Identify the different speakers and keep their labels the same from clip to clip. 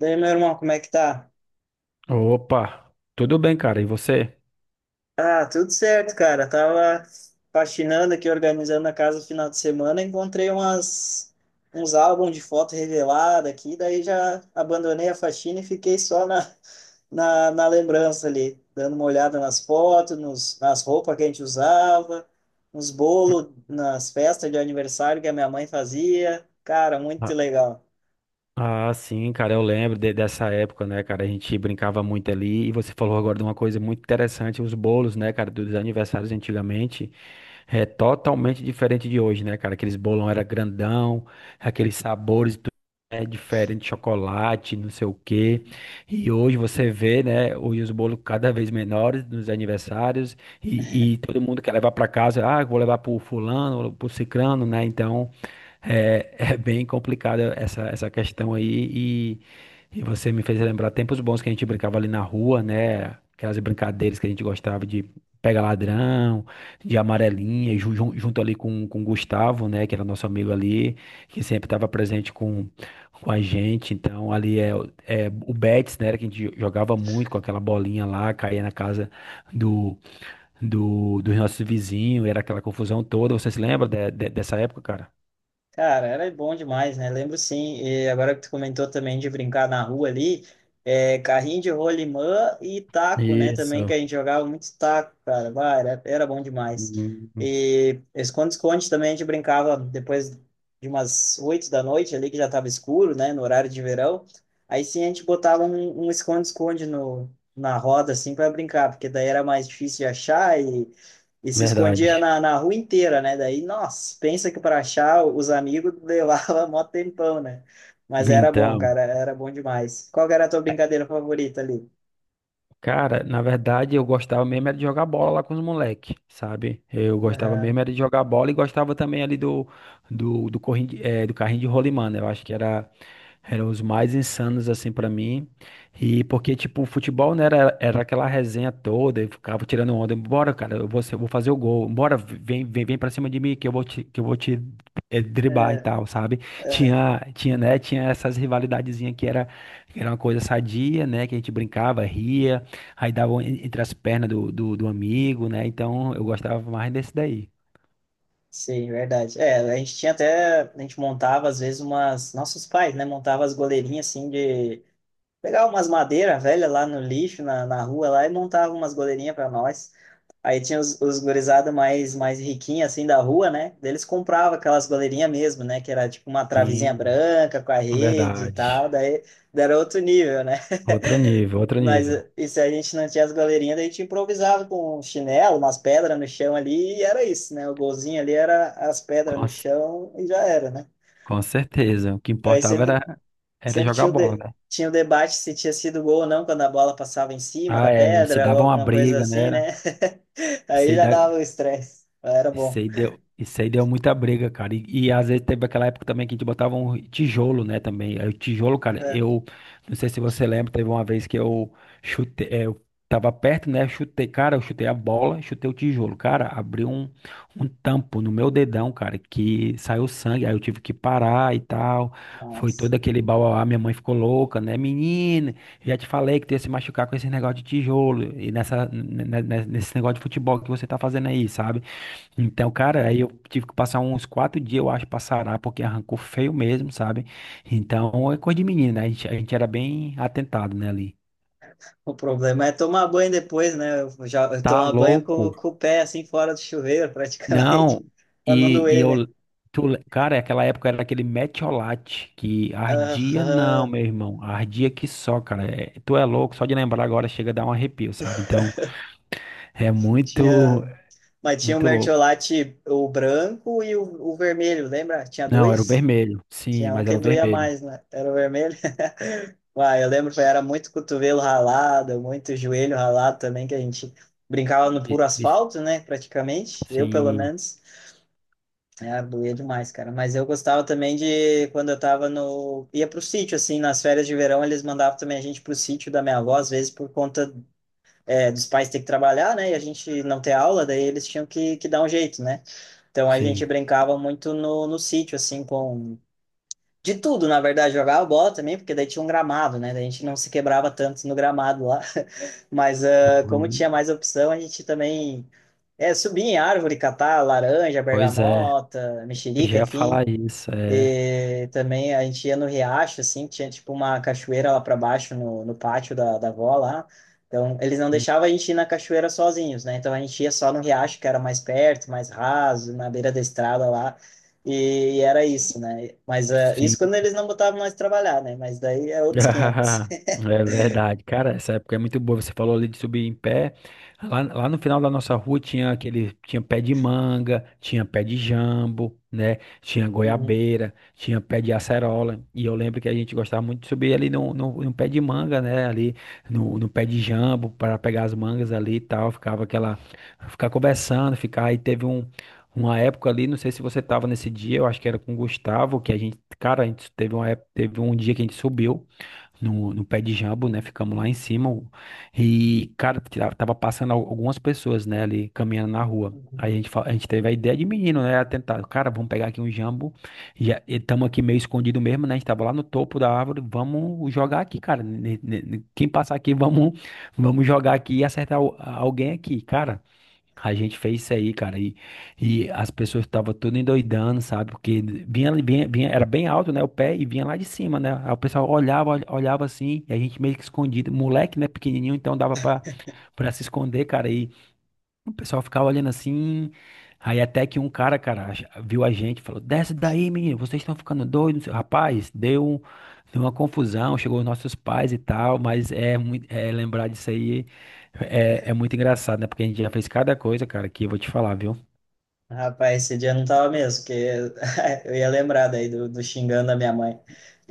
Speaker 1: Daí, meu irmão, como é que tá?
Speaker 2: Opa, tudo bem, cara? E você?
Speaker 1: Ah, tudo certo, cara. Tava faxinando aqui, organizando a casa no final de semana, encontrei umas uns álbuns de foto revelada aqui, daí já abandonei a faxina e fiquei só na lembrança ali, dando uma olhada nas fotos, nas roupas que a gente usava, nos bolos, nas festas de aniversário que a minha mãe fazia. Cara, muito legal.
Speaker 2: Ah, sim, cara, eu lembro dessa época, né, cara? A gente brincava muito ali. E você falou agora de uma coisa muito interessante, os bolos, né, cara, dos aniversários antigamente. É totalmente diferente de hoje, né, cara? Aqueles bolão era grandão, aqueles sabores tudo, né, diferente, chocolate, não sei o quê. E hoje você vê, né, hoje os bolos cada vez menores nos aniversários e todo mundo quer levar para casa. Ah, eu vou levar pro fulano, pro cicrano, né? Então. É, é bem complicada essa questão aí e, e você me fez lembrar tempos bons que a gente brincava ali na rua, né? Aquelas brincadeiras que a gente gostava de pega ladrão, de amarelinha, junto ali com o Gustavo, né? Que era nosso amigo ali, que sempre estava presente com a gente. Então ali é, é o Betis, né? Que a gente jogava muito com aquela bolinha lá, caía na casa do, dos nossos vizinhos, era aquela confusão toda. Você se lembra dessa época, cara?
Speaker 1: Cara, era bom demais, né? Lembro sim. E agora que tu comentou também de brincar na rua ali, é, carrinho de rolimã e taco, né? Também que
Speaker 2: Isso.
Speaker 1: a gente jogava muito taco, cara. Bah, era bom demais.
Speaker 2: Hum,
Speaker 1: E esconde-esconde também a gente brincava depois de umas oito da noite ali, que já tava escuro, né? No horário de verão. Aí sim a gente botava um esconde-esconde no, na roda, assim, para brincar, porque daí era mais difícil de achar e se escondia
Speaker 2: verdade.
Speaker 1: na rua inteira, né? Daí, nossa, pensa que para achar os amigos levava mó tempão, né? Mas era bom,
Speaker 2: Então,
Speaker 1: cara, era bom demais. Qual que era a tua
Speaker 2: é,
Speaker 1: brincadeira favorita ali?
Speaker 2: cara, na verdade eu gostava mesmo era de jogar bola lá com os moleques, sabe? Eu gostava
Speaker 1: Aham,
Speaker 2: mesmo era de jogar bola e gostava também ali do carrinho de rolimã, né? Eu acho que eram os mais insanos, assim, pra mim. E porque, tipo, o futebol, né, era aquela resenha toda, eu ficava tirando onda. Bora, cara, eu vou fazer o gol. Bora, vem, vem, vem pra cima de mim que eu vou te, que eu vou te eh, driblar e
Speaker 1: é,
Speaker 2: tal, sabe?
Speaker 1: é,
Speaker 2: Tinha né, tinha essas rivalidadezinhas que era uma coisa sadia, né, que a gente brincava, ria, aí dava um entre as pernas do amigo, né? Então, eu gostava mais desse daí.
Speaker 1: sim, verdade. É, a gente tinha até, a gente montava às vezes umas, nossos pais, né? Montava as goleirinhas assim de, pegava umas madeiras velhas lá no lixo, na rua lá e montava umas goleirinhas para nós. Aí tinha os gurizada mais, mais riquinha, assim, da rua, né? Daí eles compravam aquelas goleirinhas mesmo, né? Que era tipo uma travezinha
Speaker 2: Sim,
Speaker 1: branca com a rede e
Speaker 2: verdade.
Speaker 1: tal. Daí era outro nível, né?
Speaker 2: Outro nível, outro
Speaker 1: Mas
Speaker 2: nível.
Speaker 1: e se a gente não tinha as goleirinhas, daí a gente improvisava com um chinelo, umas pedras no chão ali, e era isso, né? O golzinho ali era as pedras no chão e já era, né?
Speaker 2: Com certeza. O que
Speaker 1: Aí
Speaker 2: importava
Speaker 1: sempre,
Speaker 2: era
Speaker 1: sempre
Speaker 2: jogar
Speaker 1: tinha
Speaker 2: bola, né?
Speaker 1: tinha o debate se tinha sido gol ou não quando a bola passava em cima da
Speaker 2: Ah, é. E se
Speaker 1: pedra ou
Speaker 2: dava uma
Speaker 1: alguma coisa
Speaker 2: briga, né?
Speaker 1: assim, né?
Speaker 2: Era.
Speaker 1: Aí
Speaker 2: Se
Speaker 1: já
Speaker 2: da-
Speaker 1: dava o estresse. Era
Speaker 2: Isso
Speaker 1: bom.
Speaker 2: aí deu, isso aí deu muita briga, cara. E às vezes teve aquela época também que a gente botava um tijolo, né, também. Aí o tijolo, cara, eu não sei se você lembra, teve uma vez que eu chutei, eu tava perto, né, chutei, cara, eu chutei a bola, chutei o tijolo, cara, abriu um tampo no meu dedão, cara, que saiu sangue, aí eu tive que parar e tal. Foi
Speaker 1: Nossa.
Speaker 2: todo aquele bauauá, minha mãe ficou louca, né, menina, já te falei que tu ia se machucar com esse negócio de tijolo e nesse negócio de futebol que você tá fazendo aí, sabe? Então, cara, aí eu tive que passar uns 4 dias, eu acho, pra sarar, porque arrancou feio mesmo, sabe? Então, é coisa de menino, né? A gente era bem atentado, né, ali.
Speaker 1: O problema é tomar banho depois, né? Eu
Speaker 2: Tá
Speaker 1: tomo banho
Speaker 2: louco?
Speaker 1: com o pé assim fora do chuveiro, praticamente,
Speaker 2: Não,
Speaker 1: pra não
Speaker 2: e
Speaker 1: doer, né?
Speaker 2: eu... Cara, aquela época era aquele metiolate que ardia, não,
Speaker 1: Aham.
Speaker 2: meu irmão, ardia que só, cara. É, tu é louco, só de lembrar agora chega a dar um arrepio, sabe? Então, é
Speaker 1: Tinha,
Speaker 2: muito,
Speaker 1: mas tinha o
Speaker 2: muito louco.
Speaker 1: mertiolate, o branco e o vermelho, lembra? Tinha
Speaker 2: Não, era o
Speaker 1: dois?
Speaker 2: vermelho, sim,
Speaker 1: Tinha um
Speaker 2: mas era
Speaker 1: que
Speaker 2: o
Speaker 1: doía
Speaker 2: vermelho.
Speaker 1: mais, né? Era o vermelho. Uai, eu lembro que era muito cotovelo ralado, muito joelho ralado também, que a gente brincava no puro
Speaker 2: Bi- bi-
Speaker 1: asfalto, né? Praticamente, eu pelo
Speaker 2: Sim,
Speaker 1: menos. É, Arbuia é demais, cara. Mas eu gostava também de quando eu tava no. ia pro sítio, assim, nas férias de verão, eles mandavam também a gente pro sítio da minha avó, às vezes por conta dos pais ter que trabalhar, né? E a gente não ter aula, daí eles tinham que dar um jeito, né? Então a gente
Speaker 2: sim.
Speaker 1: brincava muito no sítio, assim, com. De tudo, na verdade, jogava bola também, porque daí tinha um gramado, né? Daí a gente não se quebrava tanto no gramado lá. Mas como
Speaker 2: Uhum.
Speaker 1: tinha mais opção, a gente também. É, subir em árvore, catar laranja,
Speaker 2: Pois é,
Speaker 1: bergamota,
Speaker 2: eu
Speaker 1: mexerica,
Speaker 2: já ia
Speaker 1: enfim.
Speaker 2: falar isso, é.
Speaker 1: E também a gente ia no riacho, assim, tinha tipo uma cachoeira lá para baixo no pátio da avó lá. Então, eles não
Speaker 2: Hum,
Speaker 1: deixavam a gente ir na cachoeira sozinhos, né? Então, a gente ia só no riacho, que era mais perto, mais raso, na beira da estrada lá. E, era isso, né? Mas isso
Speaker 2: sim.
Speaker 1: quando eles não botavam nós trabalhar, né? Mas daí é outros quinhentos.
Speaker 2: É verdade, cara. Essa época é muito boa. Você falou ali de subir em pé. Lá no final da nossa rua tinha aquele, tinha pé de manga, tinha pé de jambo, né? Tinha goiabeira, tinha pé de acerola. E eu lembro que a gente gostava muito de subir ali no pé de manga, né? Ali no pé de jambo para pegar as mangas ali e tal. Ficava aquela, ficar conversando, ficar. Aí teve uma época ali, não sei se você tava nesse dia, eu acho que era com o Gustavo, que a gente, cara, a gente teve uma época, teve um dia que a gente subiu no pé de jambo, né? Ficamos lá em cima. E, cara, tava passando algumas pessoas, né, ali caminhando na rua. Aí a
Speaker 1: Uhum.
Speaker 2: gente, fa- a gente teve a ideia de menino, né? Tentar, cara, vamos pegar aqui um jambo. Já estamos aqui meio escondido mesmo, né? A gente tava lá no topo da árvore. Vamos jogar aqui, cara. Quem passar aqui, vamos jogar aqui e acertar alguém aqui, cara. A gente fez isso aí, cara, e as pessoas estavam tudo endoidando, sabe? Porque vinha, era bem alto, né? O pé e vinha lá de cima, né? Aí o pessoal olhava assim, e a gente meio que escondido. Moleque, né? Pequenininho, então dava pra se esconder, cara. O pessoal ficava olhando assim. Aí até que um cara, viu a gente, e falou: Desce daí, menino, vocês estão ficando doidos. Rapaz, deu uma confusão, chegou os nossos pais e tal, mas é, muito, é lembrar disso aí é muito engraçado, né? Porque a gente já fez cada coisa, cara, que eu vou te falar, viu?
Speaker 1: Rapaz, esse dia eu não tava mesmo, porque eu ia lembrar daí do xingando a minha mãe.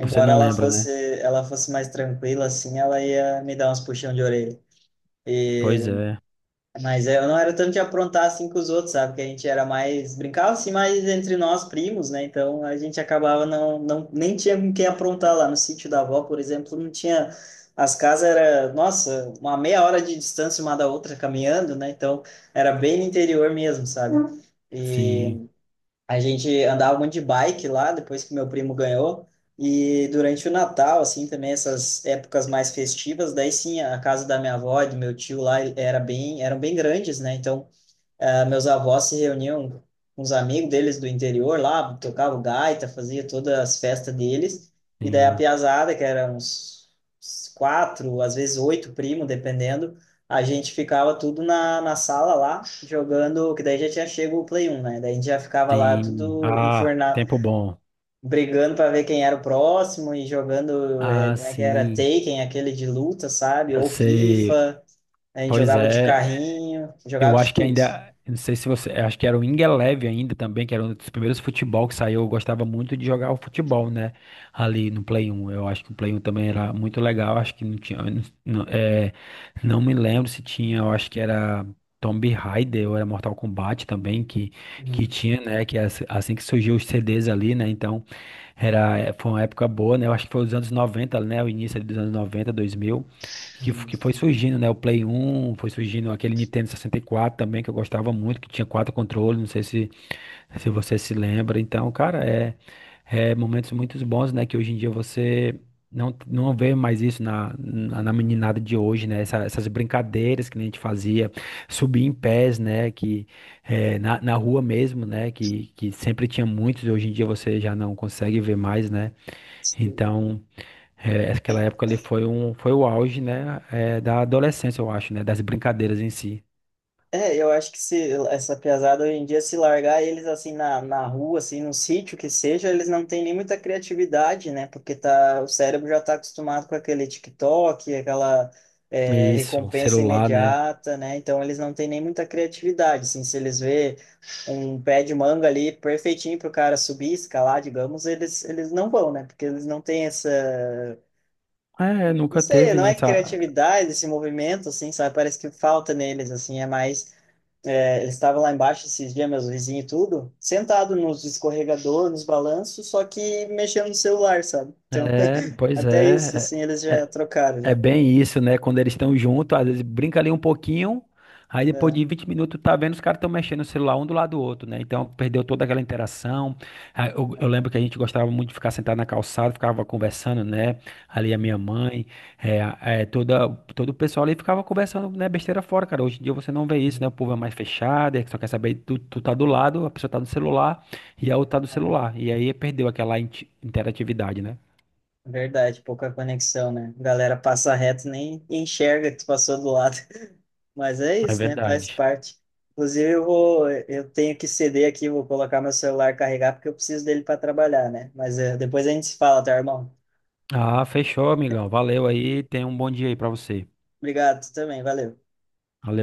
Speaker 2: Você não
Speaker 1: ela
Speaker 2: lembra,
Speaker 1: fosse,
Speaker 2: né?
Speaker 1: ela fosse mais tranquila, assim, ela ia me dar uns puxão de orelha.
Speaker 2: Pois
Speaker 1: E,
Speaker 2: é.
Speaker 1: mas eu não era tanto de aprontar assim com os outros, sabe? Que a gente era mais, brincava assim mais entre nós primos, né? Então a gente acabava não nem tinha com quem aprontar lá no sítio da avó, por exemplo, não tinha, as casas era, nossa, uma meia hora de distância uma da outra caminhando, né? Então era bem no interior mesmo, sabe?
Speaker 2: Sim,
Speaker 1: E a gente andava muito de bike lá, depois que meu primo ganhou. E durante o Natal, assim, também essas épocas mais festivas, daí sim, a casa da minha avó e do meu tio lá, era bem, eram bem grandes, né? Então, ah, meus avós se reuniam com os amigos deles do interior lá, tocavam gaita, fazia todas as festas deles. E daí a
Speaker 2: sim,
Speaker 1: piazada, que era uns quatro, às vezes oito primos, dependendo, a gente ficava tudo na sala lá, jogando, que daí já tinha chego o Play 1, né? Daí a gente já ficava lá
Speaker 2: sim.
Speaker 1: tudo
Speaker 2: Ah,
Speaker 1: enfornado,
Speaker 2: tempo bom.
Speaker 1: brigando para ver quem era o próximo e jogando,
Speaker 2: Ah,
Speaker 1: como é que era,
Speaker 2: sim.
Speaker 1: Taken, aquele de luta, sabe?
Speaker 2: Eu
Speaker 1: Ou
Speaker 2: sei.
Speaker 1: FIFA, a gente
Speaker 2: Pois
Speaker 1: jogava de
Speaker 2: é.
Speaker 1: carrinho, jogava
Speaker 2: Eu
Speaker 1: de
Speaker 2: acho que
Speaker 1: tudo.
Speaker 2: ainda, eu não sei se você, eu acho que era o Ingeleve ainda também, que era um dos primeiros futebol que saiu. Eu gostava muito de jogar o futebol, né? Ali no Play 1. Eu acho que o Play 1 também era muito legal. Acho que não tinha, eu não, não- é, não me lembro se tinha, eu acho que era Tomb Raider ou era Mortal Kombat também que
Speaker 1: Uhum.
Speaker 2: tinha, né? Que é assim que surgiu os CDs ali, né? Então, foi uma época boa, né? Eu acho que foi os anos 90, né? O início ali dos anos 90, dois mil. Que foi surgindo, né? O Play 1, foi surgindo aquele Nintendo 64 também, que eu gostava muito, que tinha quatro controles, não sei se você se lembra. Então, cara, é momentos muito bons, né? Que hoje em dia você não vê mais isso na meninada de hoje, né? Essas brincadeiras que a gente fazia, subir em pés, né? Que na rua mesmo, né? Que sempre tinha muitos, hoje em dia você já não consegue ver mais, né?
Speaker 1: Sim.
Speaker 2: Então. É, aquela
Speaker 1: É,
Speaker 2: época ali foi o auge, né, da adolescência, eu acho, né, das brincadeiras em si.
Speaker 1: eu acho que se essa pesada hoje em dia, se largar eles assim na rua, assim, no sítio que seja, eles não têm nem muita criatividade, né? Porque tá, o cérebro já está acostumado com aquele TikTok, aquela
Speaker 2: Isso,
Speaker 1: recompensa
Speaker 2: celular, né?
Speaker 1: imediata, né? Então eles não têm nem muita criatividade, assim, se eles vê um pé de manga ali perfeitinho para o cara subir, escalar, digamos, eles não vão, né? Porque eles não têm essa,
Speaker 2: É,
Speaker 1: não
Speaker 2: nunca
Speaker 1: sei,
Speaker 2: teve,
Speaker 1: não
Speaker 2: né,
Speaker 1: é
Speaker 2: essa...
Speaker 1: criatividade esse movimento, assim, sabe? Parece que falta neles, assim, é mais. Ele estava lá embaixo esses dias, meus vizinhos e tudo, sentado nos escorregador, nos balanços, só que mexendo no celular, sabe? Então,
Speaker 2: É, pois
Speaker 1: até isso,
Speaker 2: é,
Speaker 1: assim, eles
Speaker 2: é,
Speaker 1: já
Speaker 2: é,
Speaker 1: trocaram,
Speaker 2: É
Speaker 1: já.
Speaker 2: bem isso, né? Quando eles estão juntos, às vezes brinca ali um pouquinho, aí depois
Speaker 1: É.
Speaker 2: de 20 minutos tá vendo os caras estão mexendo no celular um do lado do outro, né? Então perdeu toda aquela interação. Ah, eu lembro que a gente gostava muito de ficar sentado na calçada, ficava conversando, né? Ali a minha mãe, é, a- é, toda, todo o pessoal ali ficava conversando, né? Besteira fora, cara. Hoje em dia você não vê isso,
Speaker 1: Uhum.
Speaker 2: né? O povo é mais fechado, é que só quer saber, tu tá do lado, a pessoa tá no celular e a outra tá do
Speaker 1: É
Speaker 2: celular. E aí perdeu aquela interatividade, né?
Speaker 1: verdade, pouca conexão, né? A galera passa reto, nem enxerga que tu passou do lado. Mas é
Speaker 2: É
Speaker 1: isso, né? Faz
Speaker 2: verdade.
Speaker 1: parte. Inclusive, eu tenho que ceder aqui, vou colocar meu celular carregar, porque eu preciso dele para trabalhar, né? Mas é, depois a gente se fala, tá, irmão?
Speaker 2: Ah, fechou, amigão. Valeu aí. Tenha um bom dia aí pra você.
Speaker 1: Obrigado, tu também, valeu.
Speaker 2: Valeu.